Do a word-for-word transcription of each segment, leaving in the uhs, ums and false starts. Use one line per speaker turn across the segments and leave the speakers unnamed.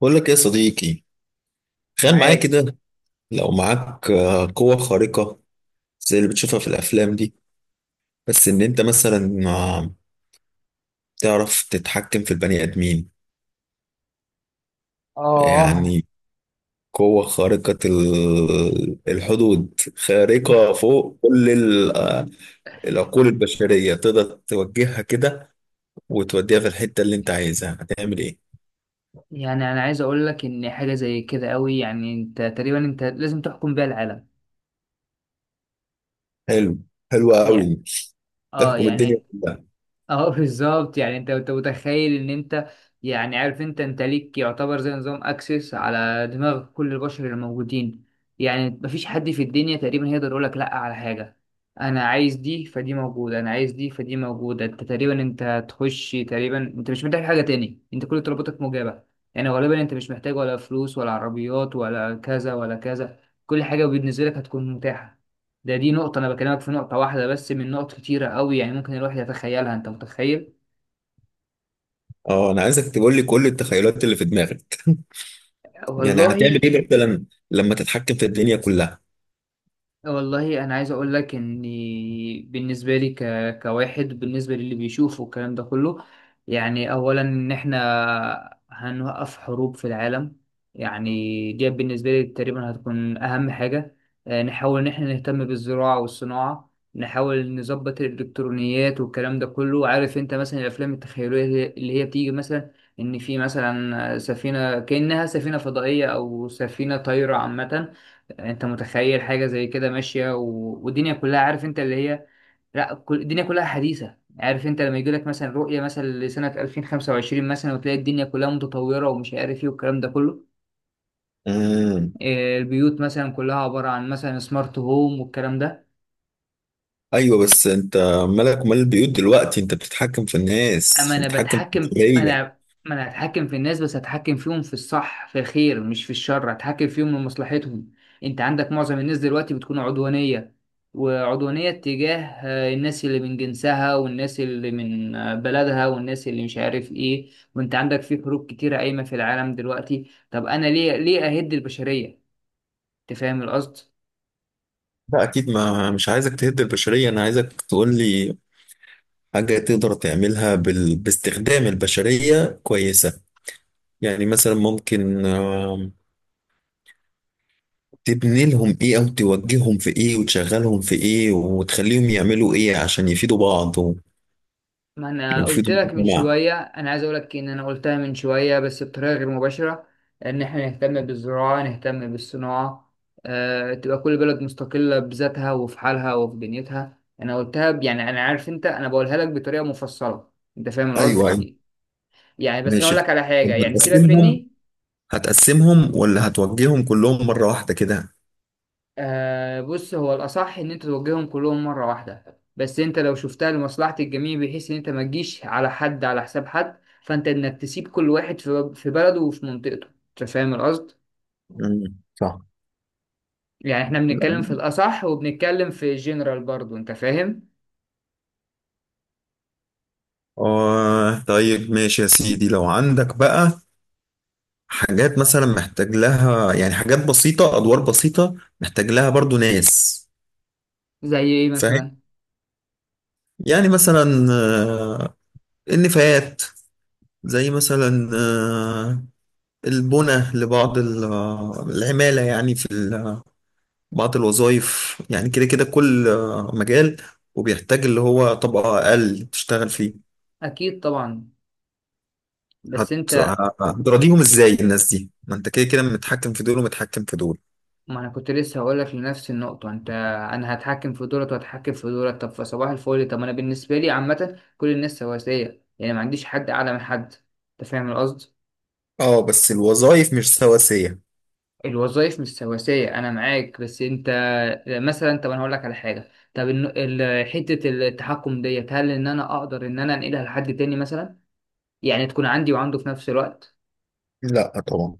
بقول لك إيه يا صديقي. تخيل معايا
معاك.
كده، لو معاك آه، قوة خارقة زي اللي بتشوفها في الأفلام دي، بس إن أنت مثلا آه، تعرف تتحكم في البني آدمين.
اه.
يعني قوة خارقة، ال- الحدود خارقة فوق كل ال- العقول البشرية، تقدر توجهها كده وتوديها في الحتة اللي أنت عايزها. هتعمل إيه؟
يعني انا عايز اقول لك ان حاجه زي كده قوي، يعني انت تقريبا انت لازم تحكم بيها العالم.
حلو. حلوة
يعني،
أوي.
اه،
تحكم الدنيا
يعني،
كلها.
اه بالظبط، يعني انت انت متخيل ان انت، يعني عارف انت انت ليك يعتبر زي نظام اكسس على دماغ كل البشر اللي موجودين. يعني مفيش حد في الدنيا تقريبا هيقدر يقول لك لا على حاجه. انا عايز دي فدي موجوده، انا عايز دي فدي موجوده، انت تقريبا انت هتخش، تقريبا انت مش محتاج حاجه تاني، انت كل طلباتك مجابه. يعني غالبا انت مش محتاج ولا فلوس ولا عربيات ولا كذا ولا كذا. كل حاجه بالنسبه لك هتكون متاحه. ده دي نقطة، أنا بكلمك في نقطة واحدة بس من نقط كتيرة أوي، يعني ممكن الواحد يتخيلها. أنت متخيل؟
أه، أنا عايزك تقول لي كل التخيلات اللي في دماغك. يعني هتعمل
والله.
ايه مثلا لما تتحكم في الدنيا كلها؟
والله انا عايز اقول لك ان بالنسبه لي ك... كواحد بالنسبه للي بيشوف والكلام ده كله. يعني اولا ان احنا هنوقف حروب في العالم، يعني دي بالنسبه لي تقريبا هتكون اهم حاجه. آه، نحاول ان احنا نهتم بالزراعه والصناعه، نحاول نظبط الالكترونيات والكلام ده كله. عارف انت مثلا الافلام التخيليه اللي اللي هي بتيجي مثلا ان في مثلا سفينه كانها سفينه فضائيه او سفينه طايره عامه. انت متخيل حاجه زي كده ماشيه و... والدنيا كلها؟ عارف انت اللي هي، لا، كل... الدنيا كلها حديثه. عارف انت لما يجي لك مثلا رؤيه مثلا لسنه ألفين وخمسة وعشرين مثلا وتلاقي الدنيا كلها متطوره ومش عارف ايه والكلام ده كله.
امم.
آه، البيوت مثلا كلها عباره عن مثلا سمارت هوم والكلام ده.
ايوه، بس انت مالك ومال البيوت دلوقتي؟ انت بتتحكم في الناس،
اما انا
بتتحكم في
بتحكم
البشريه.
انا، ما انا هتحكم في الناس بس هتحكم فيهم في الصح، في الخير مش في الشر، هتحكم فيهم لمصلحتهم. انت عندك معظم الناس دلوقتي بتكون عدوانية، وعدوانية تجاه آه، الناس اللي من جنسها، والناس اللي من آه، بلدها، والناس اللي مش عارف ايه، وانت عندك في حروب كتيرة قايمة في العالم دلوقتي. طب انا ليه، ليه اهد البشرية؟ انت فاهم القصد؟
لا، اكيد ما مش عايزك تهد البشريه، انا عايزك تقول لي حاجه تقدر تعملها بال... باستخدام البشريه كويسه. يعني مثلا ممكن آم، تبني لهم ايه، او توجههم في ايه، وتشغلهم في ايه، وتخليهم يعملوا ايه عشان يفيدوا بعض
ما انا قلت
ويفيدوا
لك من
المجتمع.
شويه، انا عايز اقول لك ان انا قلتها من شويه بس بطريقه غير مباشره، ان احنا نهتم بالزراعه نهتم بالصناعه. أه تبقى كل بلد مستقله بذاتها وفي حالها وفي دنيتها. انا قلتها ب- يعني انا عارف انت، انا بقولها لك بطريقه مفصله. انت فاهم
ايوه، أيوة.
القصد؟ يعني بس انا اقول
ماشي.
لك على حاجه،
لما
يعني سيبك
تقسمهم،
مني.
هتقسمهم ولا هتوجههم كلهم مرة واحدة كده؟
آه بص، هو الأصح إن أنت توجههم كلهم مرة واحدة، بس أنت لو شفتها لمصلحة الجميع بحيث إن أنت ما تجيش على حد على حساب حد، فأنت إنك تسيب كل واحد في في بلده وفي منطقته. أنت فاهم القصد؟
مم. صح.
يعني إحنا بنتكلم في الأصح وبنتكلم في جنرال برضه. أنت فاهم؟
آه، طيب ماشي يا سيدي. لو عندك بقى حاجات مثلا محتاج لها، يعني حاجات بسيطة، أدوار بسيطة محتاج لها برضو ناس.
زي إيه
فاهم؟
مثلا؟
يعني مثلا آه، النفايات، زي مثلا آه، البنى لبعض ال- آه، العمالة، يعني في ال- بعض الوظائف. يعني كده كده كل آه، مجال وبيحتاج اللي هو طبقة أقل تشتغل فيه.
أكيد طبعا. بس
هت...
أنت،
هتراضيهم ازاي الناس دي؟ ما انت كده كده متحكم في دول ومتحكم في دول.
ما أنا كنت لسه هقولك لنفس النقطة. أنت، أنا هتحكم في دولت وهتحكم في دولت، طب فصباح الفل. طب أنا بالنسبة لي عامة كل الناس سواسية، يعني ما عنديش حد أعلى من حد. أنت فاهم القصد؟
اه، بس الوظائف مش سواسية.
الوظائف مش سواسية أنا معاك، بس أنت مثلا، طب أنا هقول لك على حاجة. طب إن- ال- حتة التحكم ديت، هل إن أنا أقدر إن أنا أنقلها لحد تاني مثلا؟ يعني تكون عندي وعنده في نفس الوقت؟
لا طبعا.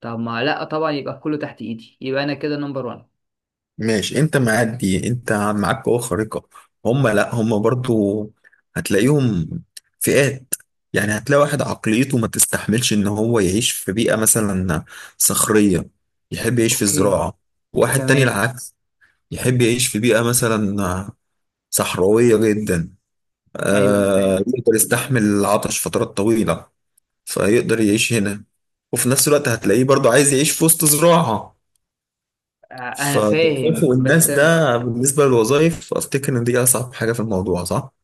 طب ما لأ طبعا، يبقى كله تحت إيدي، يبقى أنا كده نمبر وان.
ماشي، انت معدي، انت معاك قوة خارقة. هم، لا، هم برضو هتلاقيهم فئات. يعني هتلاقي واحد عقليته ما تستحملش ان هو يعيش في بيئة مثلا صخرية، يحب يعيش في
أوكي.
الزراعة. واحد تاني
تمام.
العكس، يحب يعيش في بيئة مثلا صحراوية جدا،
أيوه أنا
آه،
فاهم.
يقدر يستحمل العطش فترات طويلة فيقدر يعيش هنا، وفي نفس الوقت هتلاقيه برضو عايز يعيش في وسط زراعة.
آه، أنا فاهم
فتكافؤ الناس
بس أنا،
ده بالنسبة للوظائف، أفتكر إن دي أصعب حاجة في الموضوع، صح؟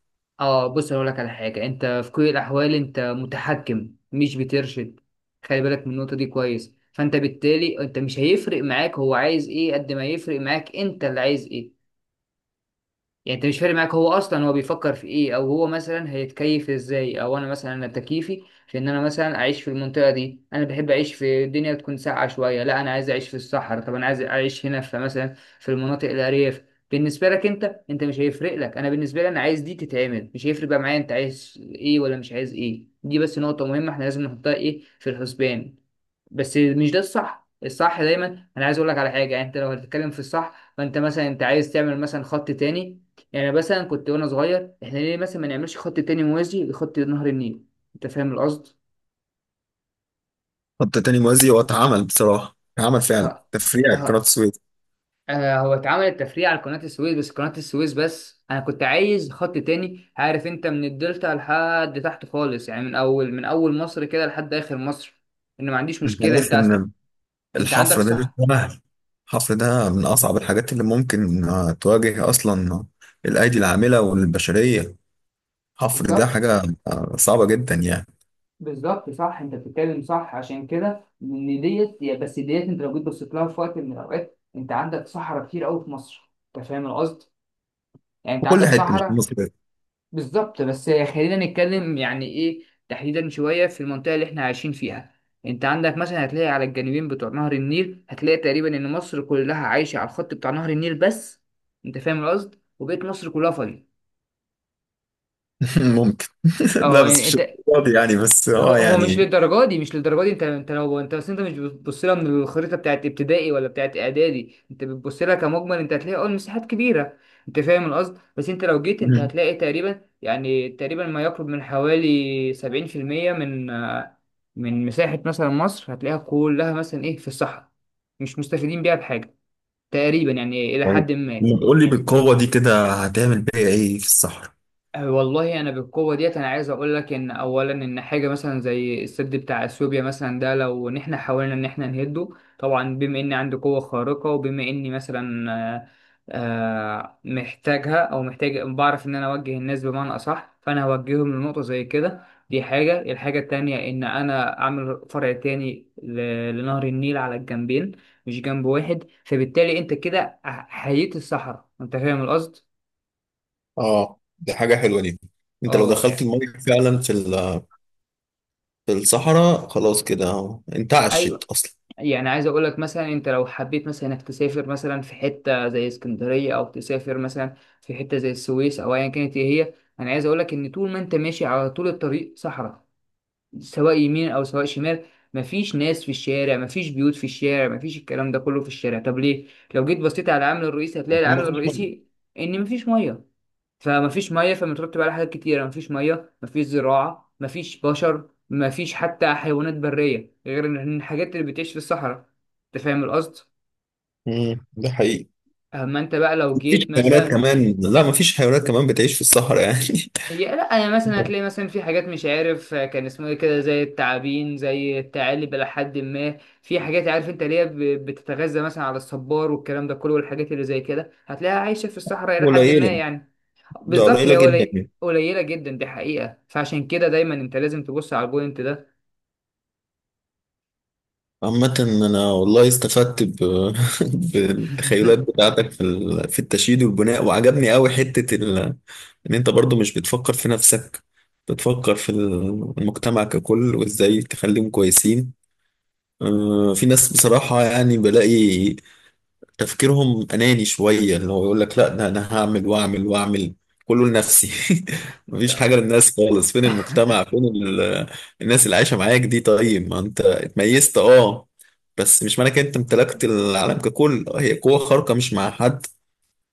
اه بص اقول لك على حاجه، انت في كل الاحوال انت متحكم مش بترشد. خلي بالك من النقطه دي كويس. فانت بالتالي انت مش هيفرق معاك هو عايز ايه، قد ما يفرق معاك انت اللي عايز ايه. يعني انت مش فارق معاك هو اصلا هو بيفكر في ايه، او هو مثلا هيتكيف ازاي، او انا مثلا انا تكييفي في ان انا مثلا اعيش في المنطقه دي. انا بحب اعيش في الدنيا تكون ساقعه شويه، لا انا عايز اعيش في الصحراء، طب انا عايز اعيش هنا في مثلا في المناطق الارياف. بالنسبه لك انت، انت مش هيفرق لك. انا بالنسبه لي انا عايز دي تتعمل، مش هيفرق بقى معايا انت عايز ايه ولا مش عايز ايه. دي بس نقطه مهمه احنا لازم نحطها ايه في الحسبان. بس مش ده الصح، الصح دايما. انا عايز اقول لك على حاجه، يعني انت لو هتتكلم في الصح، فانت مثلا انت عايز تعمل مثلا خط تاني. يعني مثلا كنت وانا صغير، احنا ليه مثلا ما نعملش خط تاني موازي لخط نهر النيل؟ انت فاهم القصد؟
خط تاني موازي، هو اتعمل بصراحة، اتعمل فعلا
ها.
تفريع قناة
ها.
السويس.
آه، هو اتعمل التفريع على قناة السويس بس، قناة السويس بس، انا كنت عايز خط تاني. عارف انت من الدلتا لحد تحت خالص، يعني من اول، من اول مصر كده لحد اخر مصر. ان ما عنديش
أنت
مشكلة انت
عارف
اصلا،
إن
انت عندك
الحفر ده مش
صح.
سهل؟ الحفر ده من أصعب الحاجات اللي ممكن آه، تواجه أصلا الأيدي العاملة والبشرية. الحفر ده
بالظبط.
حاجة آه، صعبة جدا يعني.
بالظبط صح، انت بتتكلم صح. عشان كده ان ديت يا- بس ديت، انت لو جيت بصيت لها في وقت من الاوقات، انت عندك صحراء كتير قوي في مصر. انت فاهم القصد؟ يعني انت
في كل
عندك
حتة مش في
صحراء.
مصر.
بالظبط بس خلينا نتكلم يعني ايه تحديدا شويه في المنطقه اللي احنا عايشين فيها. انت عندك مثلا هتلاقي على الجانبين بتوع نهر النيل، هتلاقي تقريبا ان مصر كلها عايشه على الخط بتاع نهر النيل بس. انت فاهم القصد؟ وبقيت مصر كلها فاضيه.
ممكن. لا،
اه
بس مش
انت،
فاضي يعني، بس
هو
اه
هو مش
يعني.
للدرجه دي، مش للدرجه دي. انت انت لو انت اصل انت مش بتبص لها من الخريطه بتاعت ابتدائي ولا بتاعت اعدادي، انت بتبص لها كمجمل. انت هتلاقي اه المساحات كبيره. انت فاهم القصد؟ بس انت لو جيت انت
مم.
هتلاقي تقريبا يعني تقريبا ما يقرب من حوالي سبعين في المية من آه، من مساحه مثلا مصر، هتلاقيها كلها مثلا ايه في الصحراء. مش مستفيدين بيها بحاجه تقريبا يعني الى
طيب،
حد ما.
قول لي بالقوة دي كده هتعمل بيها ايه في الصحراء؟
آه، والله انا بالقوه ديت انا عايز اقول لك ان اولا ان حاجه مثلا زي السد بتاع اثيوبيا مثلا ده، لو ان احنا حاولنا ان احنا نهده، طبعا بما اني عندي قوه خارقه وبما اني مثلا آه، آه، محتاجها او محتاج بعرف ان انا اوجه الناس بمعنى اصح، فانا هوجههم لنقطه زي كده. دي حاجه. الحاجه التانية ان انا اعمل فرع تاني ل- لنهر النيل على الجنبين، مش جنب واحد. فبالتالي انت كده حييت الصحراء. انت فاهم القصد؟
اه، دي حاجة حلوة دي. انت لو
اه
دخلت
يعني.
المية فعلا في ال- في الصحراء، خلاص كده انت عشت
ايوه
اصلا.
يعني، عايز اقول لك مثلا انت لو حبيت مثلا انك تسافر مثلا في حته زي اسكندريه، او تسافر مثلا في حته زي السويس، او ايا كانت ايه هي. انا عايز اقول لك ان طول ما انت ماشي على طول الطريق صحراء، سواء يمين او سواء شمال. مفيش ناس في الشارع، مفيش بيوت في الشارع، مفيش الكلام ده كله في الشارع. طب ليه؟ لو جيت بصيت على العامل الرئيسي هتلاقي
عشان
العامل
ما فيش مية.
الرئيسي ان مفيش ميه. فمفيش ميه فمترتب على حاجات كتيره، مفيش ميه، مفيش زراعه، مفيش بشر، مفيش حتى حيوانات بريه غير إن الحاجات اللي بتعيش في الصحراء. انت فاهم القصد؟
امم ده حقيقي.
اما انت بقى لو
مفيش
جيت
حيوانات
مثلا،
كمان؟ لا، مفيش حيوانات كمان بتعيش في الصحراء يعني.
هي لا، يعني مثلا هتلاقي مثلا في حاجات مش عارف آه، كان اسمه ايه كده، زي التعابين زي الثعالب الى حد ما. في حاجات عارف انت اللي هي ب- بتتغذى مثلا على الصبار والكلام ده كله، والحاجات اللي زي كده هتلاقيها عايشه في الصحراء الى حد ما
قليلة.
يعني.
ده
بالظبط،
قليلة
هي
جدا
قلي...
يعني.
قليلة جدا دي حقيقة. فعشان كده دايما انت لازم تبص على البوينت ده.
عامة أنا والله استفدت ب... بالتخيلات بتاعتك في ال... في التشييد والبناء، وعجبني قوي حتة ال... إن أنت برضو مش بتفكر في نفسك، بتفكر في المجتمع ككل وإزاي تخليهم كويسين. آه، في ناس بصراحة يعني بلاقي تفكيرهم أناني شوية، اللي هو يقول لك لا ده أنا هعمل وأعمل وأعمل، كله لنفسي.
انت.
مفيش حاجة للناس خالص. فين المجتمع، فين ال- الناس اللي عايشة معاك دي؟ طيب ما أنت اتميزت، أه بس مش معنى كده أنت امتلكت العالم ككل. آه، هي قوة خارقة، مش مع حد.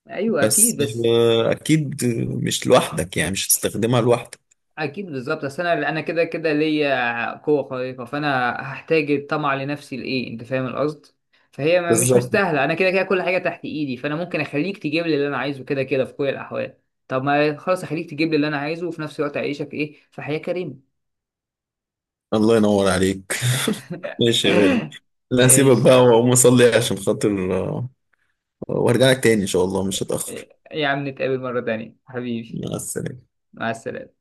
ايوه
بس
اكيد بس،
آه، أكيد مش لوحدك يعني، مش هتستخدمها لوحدك.
اكيد بالظبط. اصل انا انا كده كده ليا قوة خارقة، فانا هحتاج الطمع لنفسي لايه؟ انت فاهم القصد؟ فهي ما- مش
بالظبط.
مستاهلة. انا كده كده كل حاجة تحت ايدي، فانا ممكن اخليك تجيب لي اللي انا عايزه كده كده في كل الاحوال. طب ما خلاص، اخليك تجيب لي اللي انا عايزه وفي نفس الوقت اعيشك ايه في حياة كريمة.
الله ينور عليك. ماشي يا غالي. لا، هسيبك
ماشي.
بقى وأقوم أصلي عشان خاطر آه، وأرجع لك تاني إن شاء الله، مش هتأخر.
يا عم نتقابل مرة تانية حبيبي.
مع السلامة.
مع السلامة.